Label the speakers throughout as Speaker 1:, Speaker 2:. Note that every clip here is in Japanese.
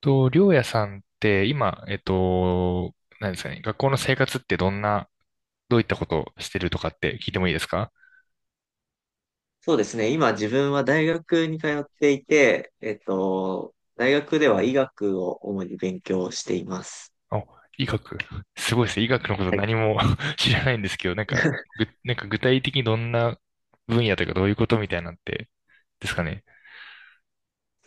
Speaker 1: と、りょうやさんって今、何ですかね、学校の生活ってどんな、どういったことをしてるとかって聞いてもいいですか？
Speaker 2: そうですね。今自分は大学に通っていて、大学では医学を主に勉強しています。
Speaker 1: あ、医学。すごいですね。医学のこと
Speaker 2: はい。
Speaker 1: 何も 知らないんですけど、なんか、なんか具体的にどんな分野というかどういうことみたいなのって、ですかね。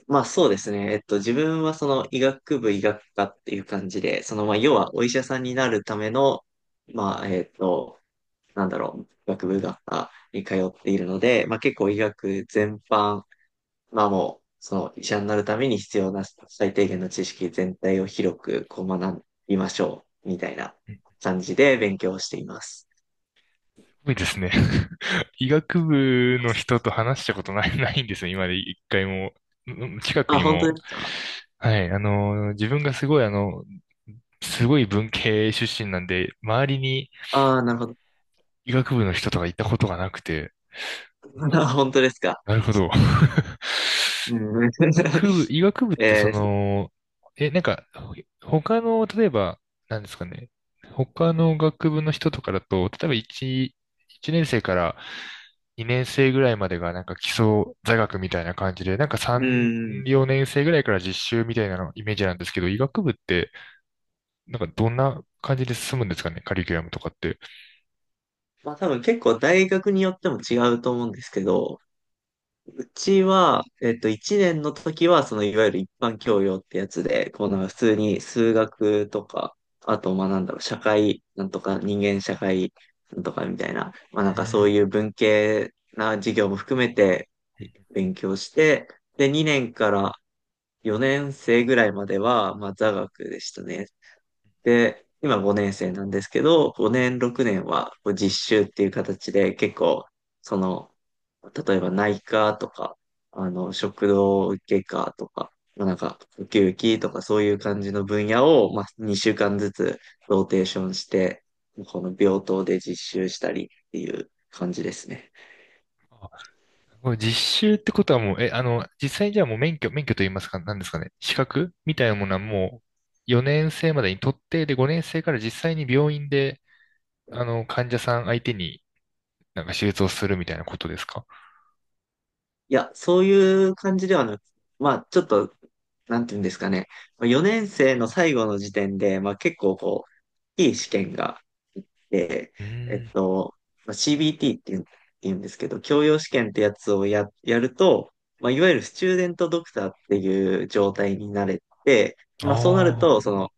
Speaker 2: まあそうですね。自分はその医学部医学科っていう感じで、そのまあ要はお医者さんになるための、まあえっと、医学部医学科に通っているので、まあ結構医学全般、まあもう、その医者になるために必要な最低限の知識全体を広くこう学びましょう、みたいな
Speaker 1: うん、す
Speaker 2: 感じで勉強をしています。
Speaker 1: ごいですね。医学部の人と話したことない、ないんですよ、今まで一回も。うん、近く
Speaker 2: あ、
Speaker 1: に
Speaker 2: 本当
Speaker 1: も。
Speaker 2: ですか？
Speaker 1: はい、自分がすごい文系出身なんで、周りに
Speaker 2: ああ、なるほど。
Speaker 1: 医学部の人とかいたことがなくて、
Speaker 2: 本当ですか。
Speaker 1: なるほど。
Speaker 2: うん。
Speaker 1: 医学部って
Speaker 2: えー、
Speaker 1: なんか、他の、例えば、なんですかね、他の学部の人とかだと、例えば1、一年生から2年生ぐらいまでがなんか基礎座学みたいな感じで、なんか3、
Speaker 2: うん。
Speaker 1: 4年生ぐらいから実習みたいなのイメージなんですけど、医学部って、なんかどんな感じで進むんですかね、カリキュラムとかって。
Speaker 2: まあ多分結構大学によっても違うと思うんですけど、ちは、えっと、1年の時は、その、いわゆる一般教養ってやつで、こう、なんか普通に数学とか、あと、まあ、なんだろう、社会、なんとか、人間社会、なんとかみたいな、ま
Speaker 1: う
Speaker 2: あ、なんか
Speaker 1: ー
Speaker 2: そう
Speaker 1: ん。
Speaker 2: いう文系な授業も含めて勉強して、で、2年から4年生ぐらいまでは、まあ、座学でしたね。で、今5年生なんですけど、5年、6年はこう実習っていう形で結構、その、例えば内科とか、食道外科とか、まあなんか、呼吸器とかそういう感じの分野を、まあ、2週間ずつローテーションして、この病棟で実習したりっていう感じですね。
Speaker 1: これ実習ってことはもう、え、あの、実際にじゃあもう免許と言いますか、何ですかね、資格みたいなものはもう4年生までに取って、で、5年生から実際に病院で、患者さん相手になんか手術をするみたいなことですか？
Speaker 2: いや、そういう感じではなく、まあ、ちょっと、なんていうんですかね。4年生の最後の時点で、まあ結構こう、いい試験がで
Speaker 1: うー
Speaker 2: えっ
Speaker 1: ん。
Speaker 2: と、まあ、CBT って言うんですけど、教養試験ってやつをやると、まあ、いわゆるスチューデントドクターっていう状態になれて、
Speaker 1: あ
Speaker 2: まあ、そうなると、その、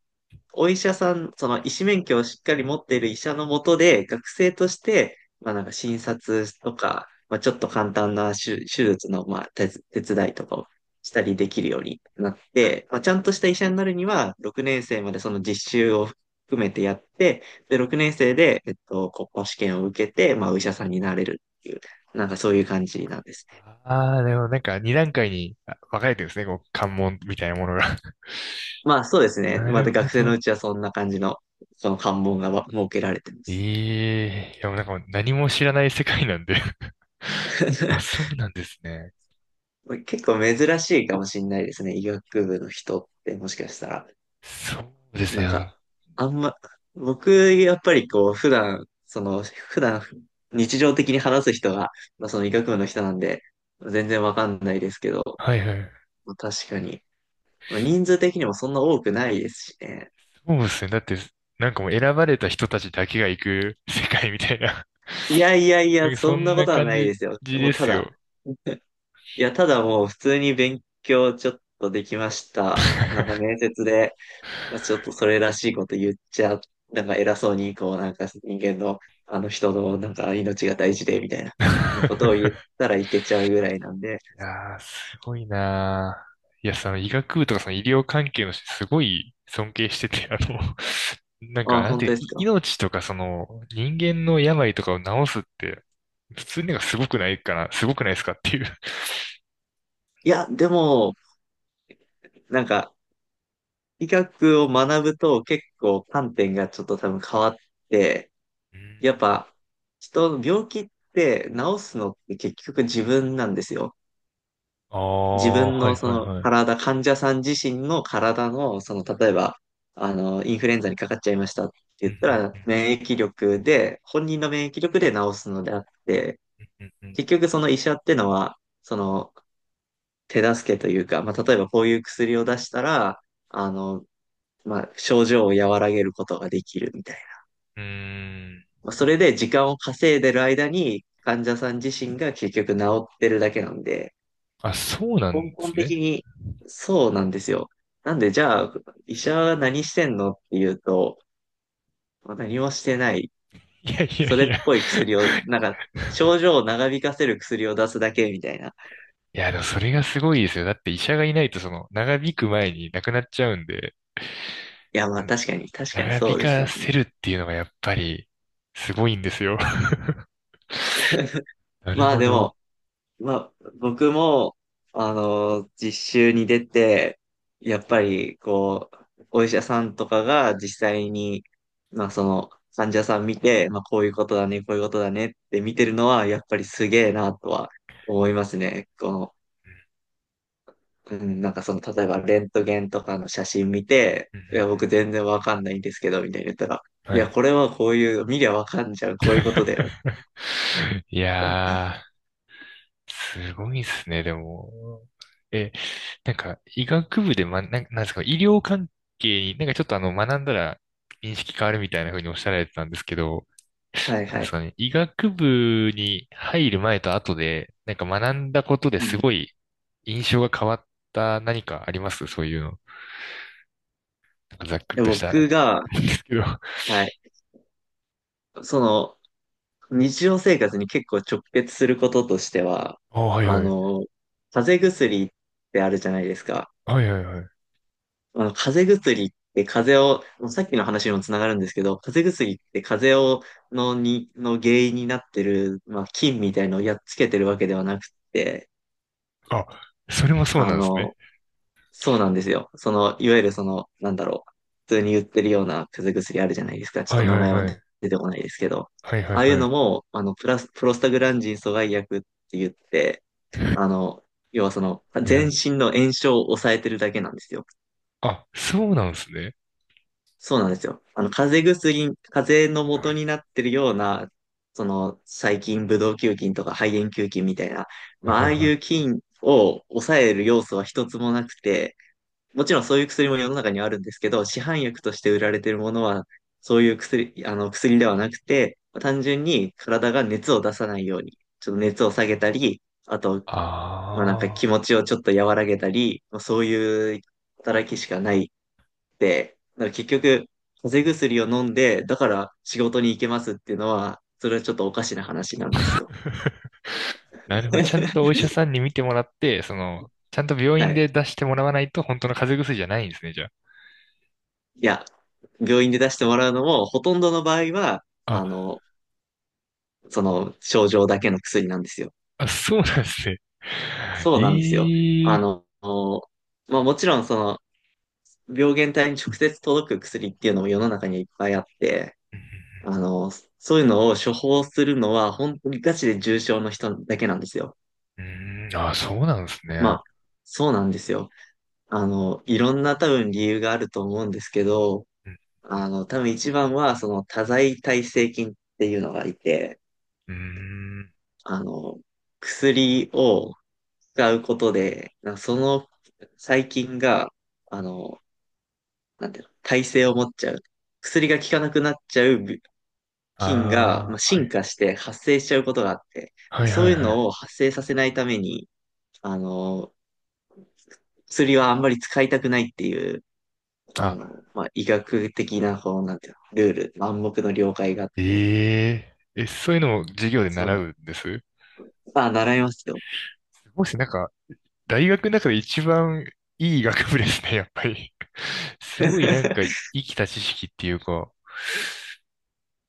Speaker 2: お医者さん、その医師免許をしっかり持っている医者のもとで、学生として、まあなんか診察とか、まあちょっと簡単な手術の、まあ手伝いとかをしたりできるようになって、まあちゃんとした医者になるには、6年生までその実習を含めてやって、で、6年生で、国家試験を受けて、まあお医者さんになれるっていう、なんかそういう感じなんですね。
Speaker 1: あ。ああ、でもなんか2段階に分かれてるんですね、こう、関門みたいなものが。
Speaker 2: まあそうですね。
Speaker 1: な
Speaker 2: ま
Speaker 1: る
Speaker 2: た
Speaker 1: ほ
Speaker 2: 学生のう
Speaker 1: ど。
Speaker 2: ちはそんな感じの、その関門が設けられてます。
Speaker 1: ええ、いや、もうなんかもう何も知らない世界なんで、 あ、そうなんですね。
Speaker 2: まあ結構珍しいかもしれないですね。医学部の人ってもしかしたら。
Speaker 1: そうです
Speaker 2: な
Speaker 1: ね。
Speaker 2: んか、あんま、僕、やっぱりこう、普段、日常的に話す人が、まあ、その医学部の人なんで、全然わかんないですけど、
Speaker 1: はいはい。
Speaker 2: まあ確かに。まあ人数的にもそんな多くないですしね。
Speaker 1: そうですね。だって、なんかもう選ばれた人たちだけが行く 世界みたいな。
Speaker 2: いやいやい
Speaker 1: な
Speaker 2: や、
Speaker 1: んかそ
Speaker 2: そん
Speaker 1: ん
Speaker 2: なこ
Speaker 1: な
Speaker 2: とは
Speaker 1: 感
Speaker 2: ない
Speaker 1: じ
Speaker 2: ですよ。も
Speaker 1: で
Speaker 2: うた
Speaker 1: す
Speaker 2: だ、
Speaker 1: よ。
Speaker 2: いや、ただもう普通に勉強ちょっとできました。なんか面 接でまあ、ちょっとそれらしいこと言っちゃ、なんか偉そうに、こう、なんか人間の、あの人の、なんか命が大事で、みたいなこ
Speaker 1: い
Speaker 2: とを言ったらいけちゃうぐらいなんで、
Speaker 1: やー、すごいなー。いや、その医学部とかその医療関係の人、すごい尊敬してて、なんか、
Speaker 2: あ、
Speaker 1: なん
Speaker 2: 本当
Speaker 1: て、
Speaker 2: です
Speaker 1: い
Speaker 2: か。
Speaker 1: 命とかその人間の病とかを治すって、普通になんかすごくないかな、すごくないですかっていう。
Speaker 2: いや、でも、なんか、医学を学ぶと結構観点がちょっと多分変わって、
Speaker 1: うー
Speaker 2: やっ
Speaker 1: ん、
Speaker 2: ぱ、人の病気って治すのって結局自分なんですよ。
Speaker 1: あ
Speaker 2: 自
Speaker 1: あ、
Speaker 2: 分
Speaker 1: はい
Speaker 2: のそ
Speaker 1: はい
Speaker 2: の
Speaker 1: はい。
Speaker 2: 体、患者さん自身の体の、その例えば、インフルエンザにかかっちゃいましたって
Speaker 1: う
Speaker 2: 言
Speaker 1: ん
Speaker 2: ったら、
Speaker 1: うんう
Speaker 2: 免疫力で、本人の免疫力で治すのであって、
Speaker 1: んうんうん。
Speaker 2: 結局その医者ってのは、その手助けというか、まあ、例えばこういう薬を出したら、あの、まあ、症状を和らげることができるみたいな。
Speaker 1: うーん、
Speaker 2: まあそれで時間を稼いでる間に、患者さん自身が結局治ってるだけなんで、
Speaker 1: あ、そうな
Speaker 2: 根
Speaker 1: んで
Speaker 2: 本
Speaker 1: す
Speaker 2: 的
Speaker 1: ね。
Speaker 2: にそうなんですよ。なんで、じゃあ、医者は何してんのっていうと、まあ何もしてない。
Speaker 1: いやいや
Speaker 2: それ
Speaker 1: い
Speaker 2: っ
Speaker 1: や。
Speaker 2: ぽい薬を、なんか、症状を長引かせる薬を出すだけみたいな。
Speaker 1: いや、でもそれがすごいですよ。だって医者がいないとその長引く前に亡くなっちゃうんで、
Speaker 2: いや、まあ
Speaker 1: な
Speaker 2: 確かに、確かに
Speaker 1: 長引
Speaker 2: そうです
Speaker 1: か
Speaker 2: よ
Speaker 1: せ
Speaker 2: ね。
Speaker 1: るっていうのがやっぱりすごいんですよ。なる
Speaker 2: まあ
Speaker 1: ほ
Speaker 2: で
Speaker 1: ど。
Speaker 2: も、まあ、僕も、実習に出て、やっぱり、こう、お医者さんとかが実際に、まあ、その、患者さん見て、まあ、こういうことだね、こういうことだねって見てるのは、やっぱりすげえなとは思いますね。この、うん、なんかその、例えば、レントゲンとかの写真見て、
Speaker 1: うんう
Speaker 2: いや、
Speaker 1: んう
Speaker 2: 僕全然わかんないんですけど、みたいに言ったら、
Speaker 1: ん、
Speaker 2: い
Speaker 1: は
Speaker 2: や、
Speaker 1: い。
Speaker 2: これはこういう、見りゃわかんじゃん、こういうことだよ。
Speaker 1: いやー、すごいですね、でも。え、なんか、医学部で、なんですか、医療関係に、なんかちょっと学んだら認識変わるみたいな風におっしゃられてたんですけど、
Speaker 2: はい
Speaker 1: なん
Speaker 2: は
Speaker 1: です
Speaker 2: い。
Speaker 1: かね、医学部に入る前と後で、なんか学んだことで
Speaker 2: う
Speaker 1: す
Speaker 2: ん。
Speaker 1: ごい印象が変わった何かありますそういうの？なんかざっくり
Speaker 2: で
Speaker 1: としたな
Speaker 2: 僕が、
Speaker 1: んですけど。
Speaker 2: はい。その、日常生活に結構直結することとしては、
Speaker 1: あ、はい
Speaker 2: あ
Speaker 1: はい。
Speaker 2: の、風邪薬ってあるじゃないですか。
Speaker 1: はいはいはい。
Speaker 2: 風邪薬って風邪を、もうさっきの話にもつながるんですけど、風邪薬って風邪を、の原因になってる、まあ、菌みたいのをやっつけてるわけではなくって、
Speaker 1: あ、それもそう
Speaker 2: あ
Speaker 1: なんですね。
Speaker 2: の、そうなんですよ。その、いわゆるなんだろう。普通に売ってるような風邪薬あるじゃないですか。ちょっ
Speaker 1: は
Speaker 2: と
Speaker 1: い
Speaker 2: 名
Speaker 1: はい
Speaker 2: 前は
Speaker 1: は
Speaker 2: 出
Speaker 1: い。
Speaker 2: 出てこないですけど。
Speaker 1: はいはい
Speaker 2: ああいう
Speaker 1: は
Speaker 2: の
Speaker 1: い。
Speaker 2: も、プロスタグランジン阻害薬って言って、あの、要はその、
Speaker 1: はいは
Speaker 2: 全
Speaker 1: い。
Speaker 2: 身の炎症を抑えてるだけなんですよ。
Speaker 1: あ、そうなんですね。
Speaker 2: そうなんですよ。風邪の元になってるような、その、細菌、ブドウ球菌とか肺炎球菌みたいな、
Speaker 1: はい
Speaker 2: まあ、あ
Speaker 1: はい
Speaker 2: あい
Speaker 1: はい。
Speaker 2: う菌を抑える要素は一つもなくて、もちろんそういう薬も世の中にはあるんですけど、市販薬として売られてるものは、そういう薬、あの薬ではなくて、単純に体が熱を出さないように、ちょっと熱を下げたり、あと、まあなんか気
Speaker 1: あ
Speaker 2: 持
Speaker 1: あ。
Speaker 2: ちをちょっと和らげたり、まあそういう働きしかないって、だから結局、風邪薬を飲んで、だから仕事に行けますっていうのは、それはちょっとおかしな話なんですよ。
Speaker 1: なるほど。ちゃんとお 医者さんに診てもらって、ちゃんと病
Speaker 2: は
Speaker 1: 院
Speaker 2: い。
Speaker 1: で出してもらわないと本当の風邪薬じゃないんですね、じゃ
Speaker 2: いや、病院で出してもらうのも、ほとんどの場合は、
Speaker 1: あ。
Speaker 2: あの、その症状だけの薬なんですよ。
Speaker 1: あ、そうなんですね。
Speaker 2: そうなんですよ。
Speaker 1: い
Speaker 2: あ
Speaker 1: い。
Speaker 2: の、まあもちろんその病原体に直接届く薬っていうのも世の中にいっぱいあって、あの、そういうのを処方するのは本当にガチで重症の人だけなんですよ。
Speaker 1: うん、あ、そうなんです
Speaker 2: ま
Speaker 1: ね。
Speaker 2: あ、そうなんですよ。いろんな多分理由があると思うんですけど、
Speaker 1: うんう
Speaker 2: 多分一番はその多剤耐性菌っていうのがいて、
Speaker 1: んうん、
Speaker 2: あの、薬を使うことで、その細菌が、あの、なんていうの、耐性を持っちゃう。薬が効かなくなっちゃう菌が、まあ、
Speaker 1: あ、は
Speaker 2: 進
Speaker 1: い。
Speaker 2: 化して発生しちゃうことがあって、
Speaker 1: はい
Speaker 2: そ
Speaker 1: は
Speaker 2: う
Speaker 1: い
Speaker 2: いう
Speaker 1: はい。
Speaker 2: のを発生させないために、あの、薬はあんまり使いたくないっていう、
Speaker 1: あ、
Speaker 2: まあ、医学的な、こう、なんていうの、ルール、暗黙の了解があっ
Speaker 1: え
Speaker 2: て、
Speaker 1: ええ、そういうのを授業で
Speaker 2: そう
Speaker 1: 習
Speaker 2: なん、
Speaker 1: うんです。
Speaker 2: あ、習いますよ。
Speaker 1: もしなんか、大学の中で一番いい学部ですね、やっぱり。すごいなんか、生きた知識っていうか。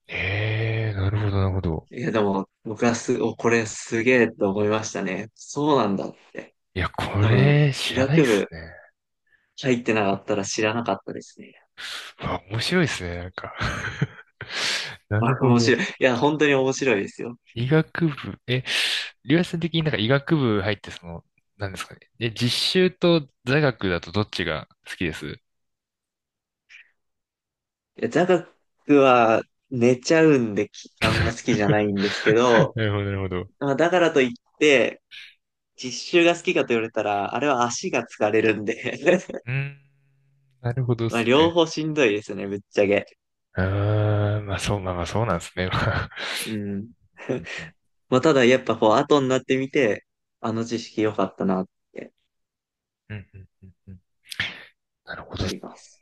Speaker 1: ええ、なるほど、なるほど。
Speaker 2: いや、でも、僕はす、お、これすげえと思いましたね。そうなんだって。
Speaker 1: いや、こ
Speaker 2: 多分、
Speaker 1: れ、
Speaker 2: 医
Speaker 1: 知らないっ
Speaker 2: 学
Speaker 1: す
Speaker 2: 部
Speaker 1: ね。
Speaker 2: 入ってなかったら知らなかったですね。
Speaker 1: うわ、面白いっすね、なんか。な
Speaker 2: ま
Speaker 1: る
Speaker 2: あ、
Speaker 1: ほ
Speaker 2: 面
Speaker 1: ど。
Speaker 2: 白い。いや、本当に面白いですよ。
Speaker 1: 医学部、りゅうやさん的になんか医学部入ってなんですかね。実習と座学だとどっちが好きです？
Speaker 2: いや、座学は寝ちゃうんで、あんま好きじゃな いんですけど、
Speaker 1: なるほど、なるほど。う
Speaker 2: まあ、だからといって、実習が好きかと言われたら、あれは足が疲れるんで
Speaker 1: ーん、なるほどで
Speaker 2: まあ、
Speaker 1: す
Speaker 2: 両
Speaker 1: ね。
Speaker 2: 方しんどいですね、ぶっちゃけ。
Speaker 1: あー、まあそう、まあまあそうなんですね。まあ。
Speaker 2: うん。
Speaker 1: う ん
Speaker 2: まあ、ただ、やっぱこう、後になってみて、あの知識良かったなって
Speaker 1: うんうんうんうんうん。なるほど
Speaker 2: な
Speaker 1: っす。
Speaker 2: ります。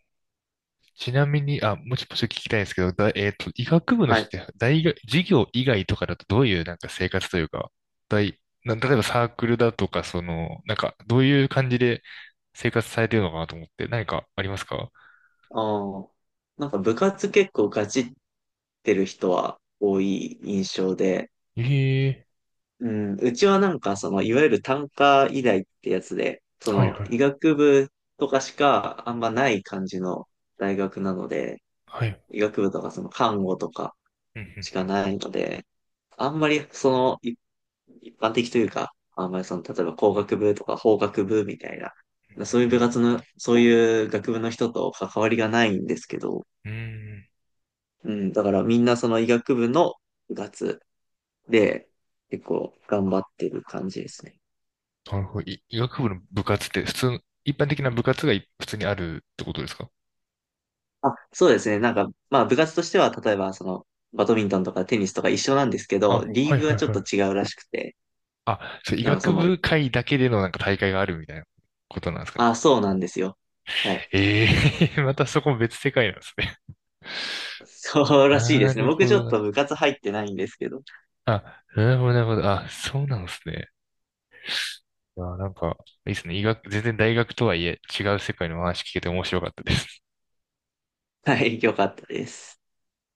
Speaker 1: ちなみに、あ、もうちょっと聞きたいんですけど、だ、えっと、医学部の
Speaker 2: はい。
Speaker 1: 人って大学、授業以外とかだとどういうなんか生活というか、大、例えばサークルだとか、なんか、どういう感じで、生活されてるのかなと思って、何かありますか？
Speaker 2: ああ。なんか部活結構ガチってる人は多い印象で、
Speaker 1: ええ、
Speaker 2: うん、うちはなんかその、いわゆる単科医大ってやつで、そ
Speaker 1: はい
Speaker 2: の、
Speaker 1: はい。
Speaker 2: 医学部とかしかあんまない感じの大学なので、
Speaker 1: はい。
Speaker 2: 医学部とかその看護とか
Speaker 1: うんう
Speaker 2: しか
Speaker 1: ん
Speaker 2: ないので、あんまりその、一般的というか、あんまりその、例えば工学部とか法学部みたいな、そういう
Speaker 1: う
Speaker 2: 部
Speaker 1: ん
Speaker 2: 活の、そういう学部の人と関わりがないんですけど、
Speaker 1: うん。うーん。
Speaker 2: うん、だからみんなその医学部の部活で結構頑張ってる感じですね。
Speaker 1: なるほど。医学部の部活って普通の、一般的な部活が普通にあるってことですか？
Speaker 2: あ、そうですね。なんか、まあ部活としては例えばそのバドミントンとかテニスとか一緒なんですけど、
Speaker 1: あ、
Speaker 2: リ
Speaker 1: は
Speaker 2: ー
Speaker 1: い
Speaker 2: グ
Speaker 1: は
Speaker 2: は
Speaker 1: い
Speaker 2: ちょっ
Speaker 1: は
Speaker 2: と
Speaker 1: い。
Speaker 2: 違うらしくて、
Speaker 1: あ、そう、医
Speaker 2: なんか
Speaker 1: 学
Speaker 2: その、
Speaker 1: 部会だけでのなんか大会があるみたいなことなんですかね？
Speaker 2: あ、そうなんですよ。はい。
Speaker 1: ええ またそこも別世界なんですね。
Speaker 2: そ うらしいで
Speaker 1: な
Speaker 2: すね。
Speaker 1: る
Speaker 2: 僕
Speaker 1: ほ
Speaker 2: ちょ
Speaker 1: ど
Speaker 2: っ
Speaker 1: な。
Speaker 2: と部活入ってないんですけど。
Speaker 1: あ、なるほどなるほど。あ、そうなんですね。あ、なんか、いいですね。医学、全然大学とはいえ違う世界の話聞けて面白かったです。
Speaker 2: はい、よかったです。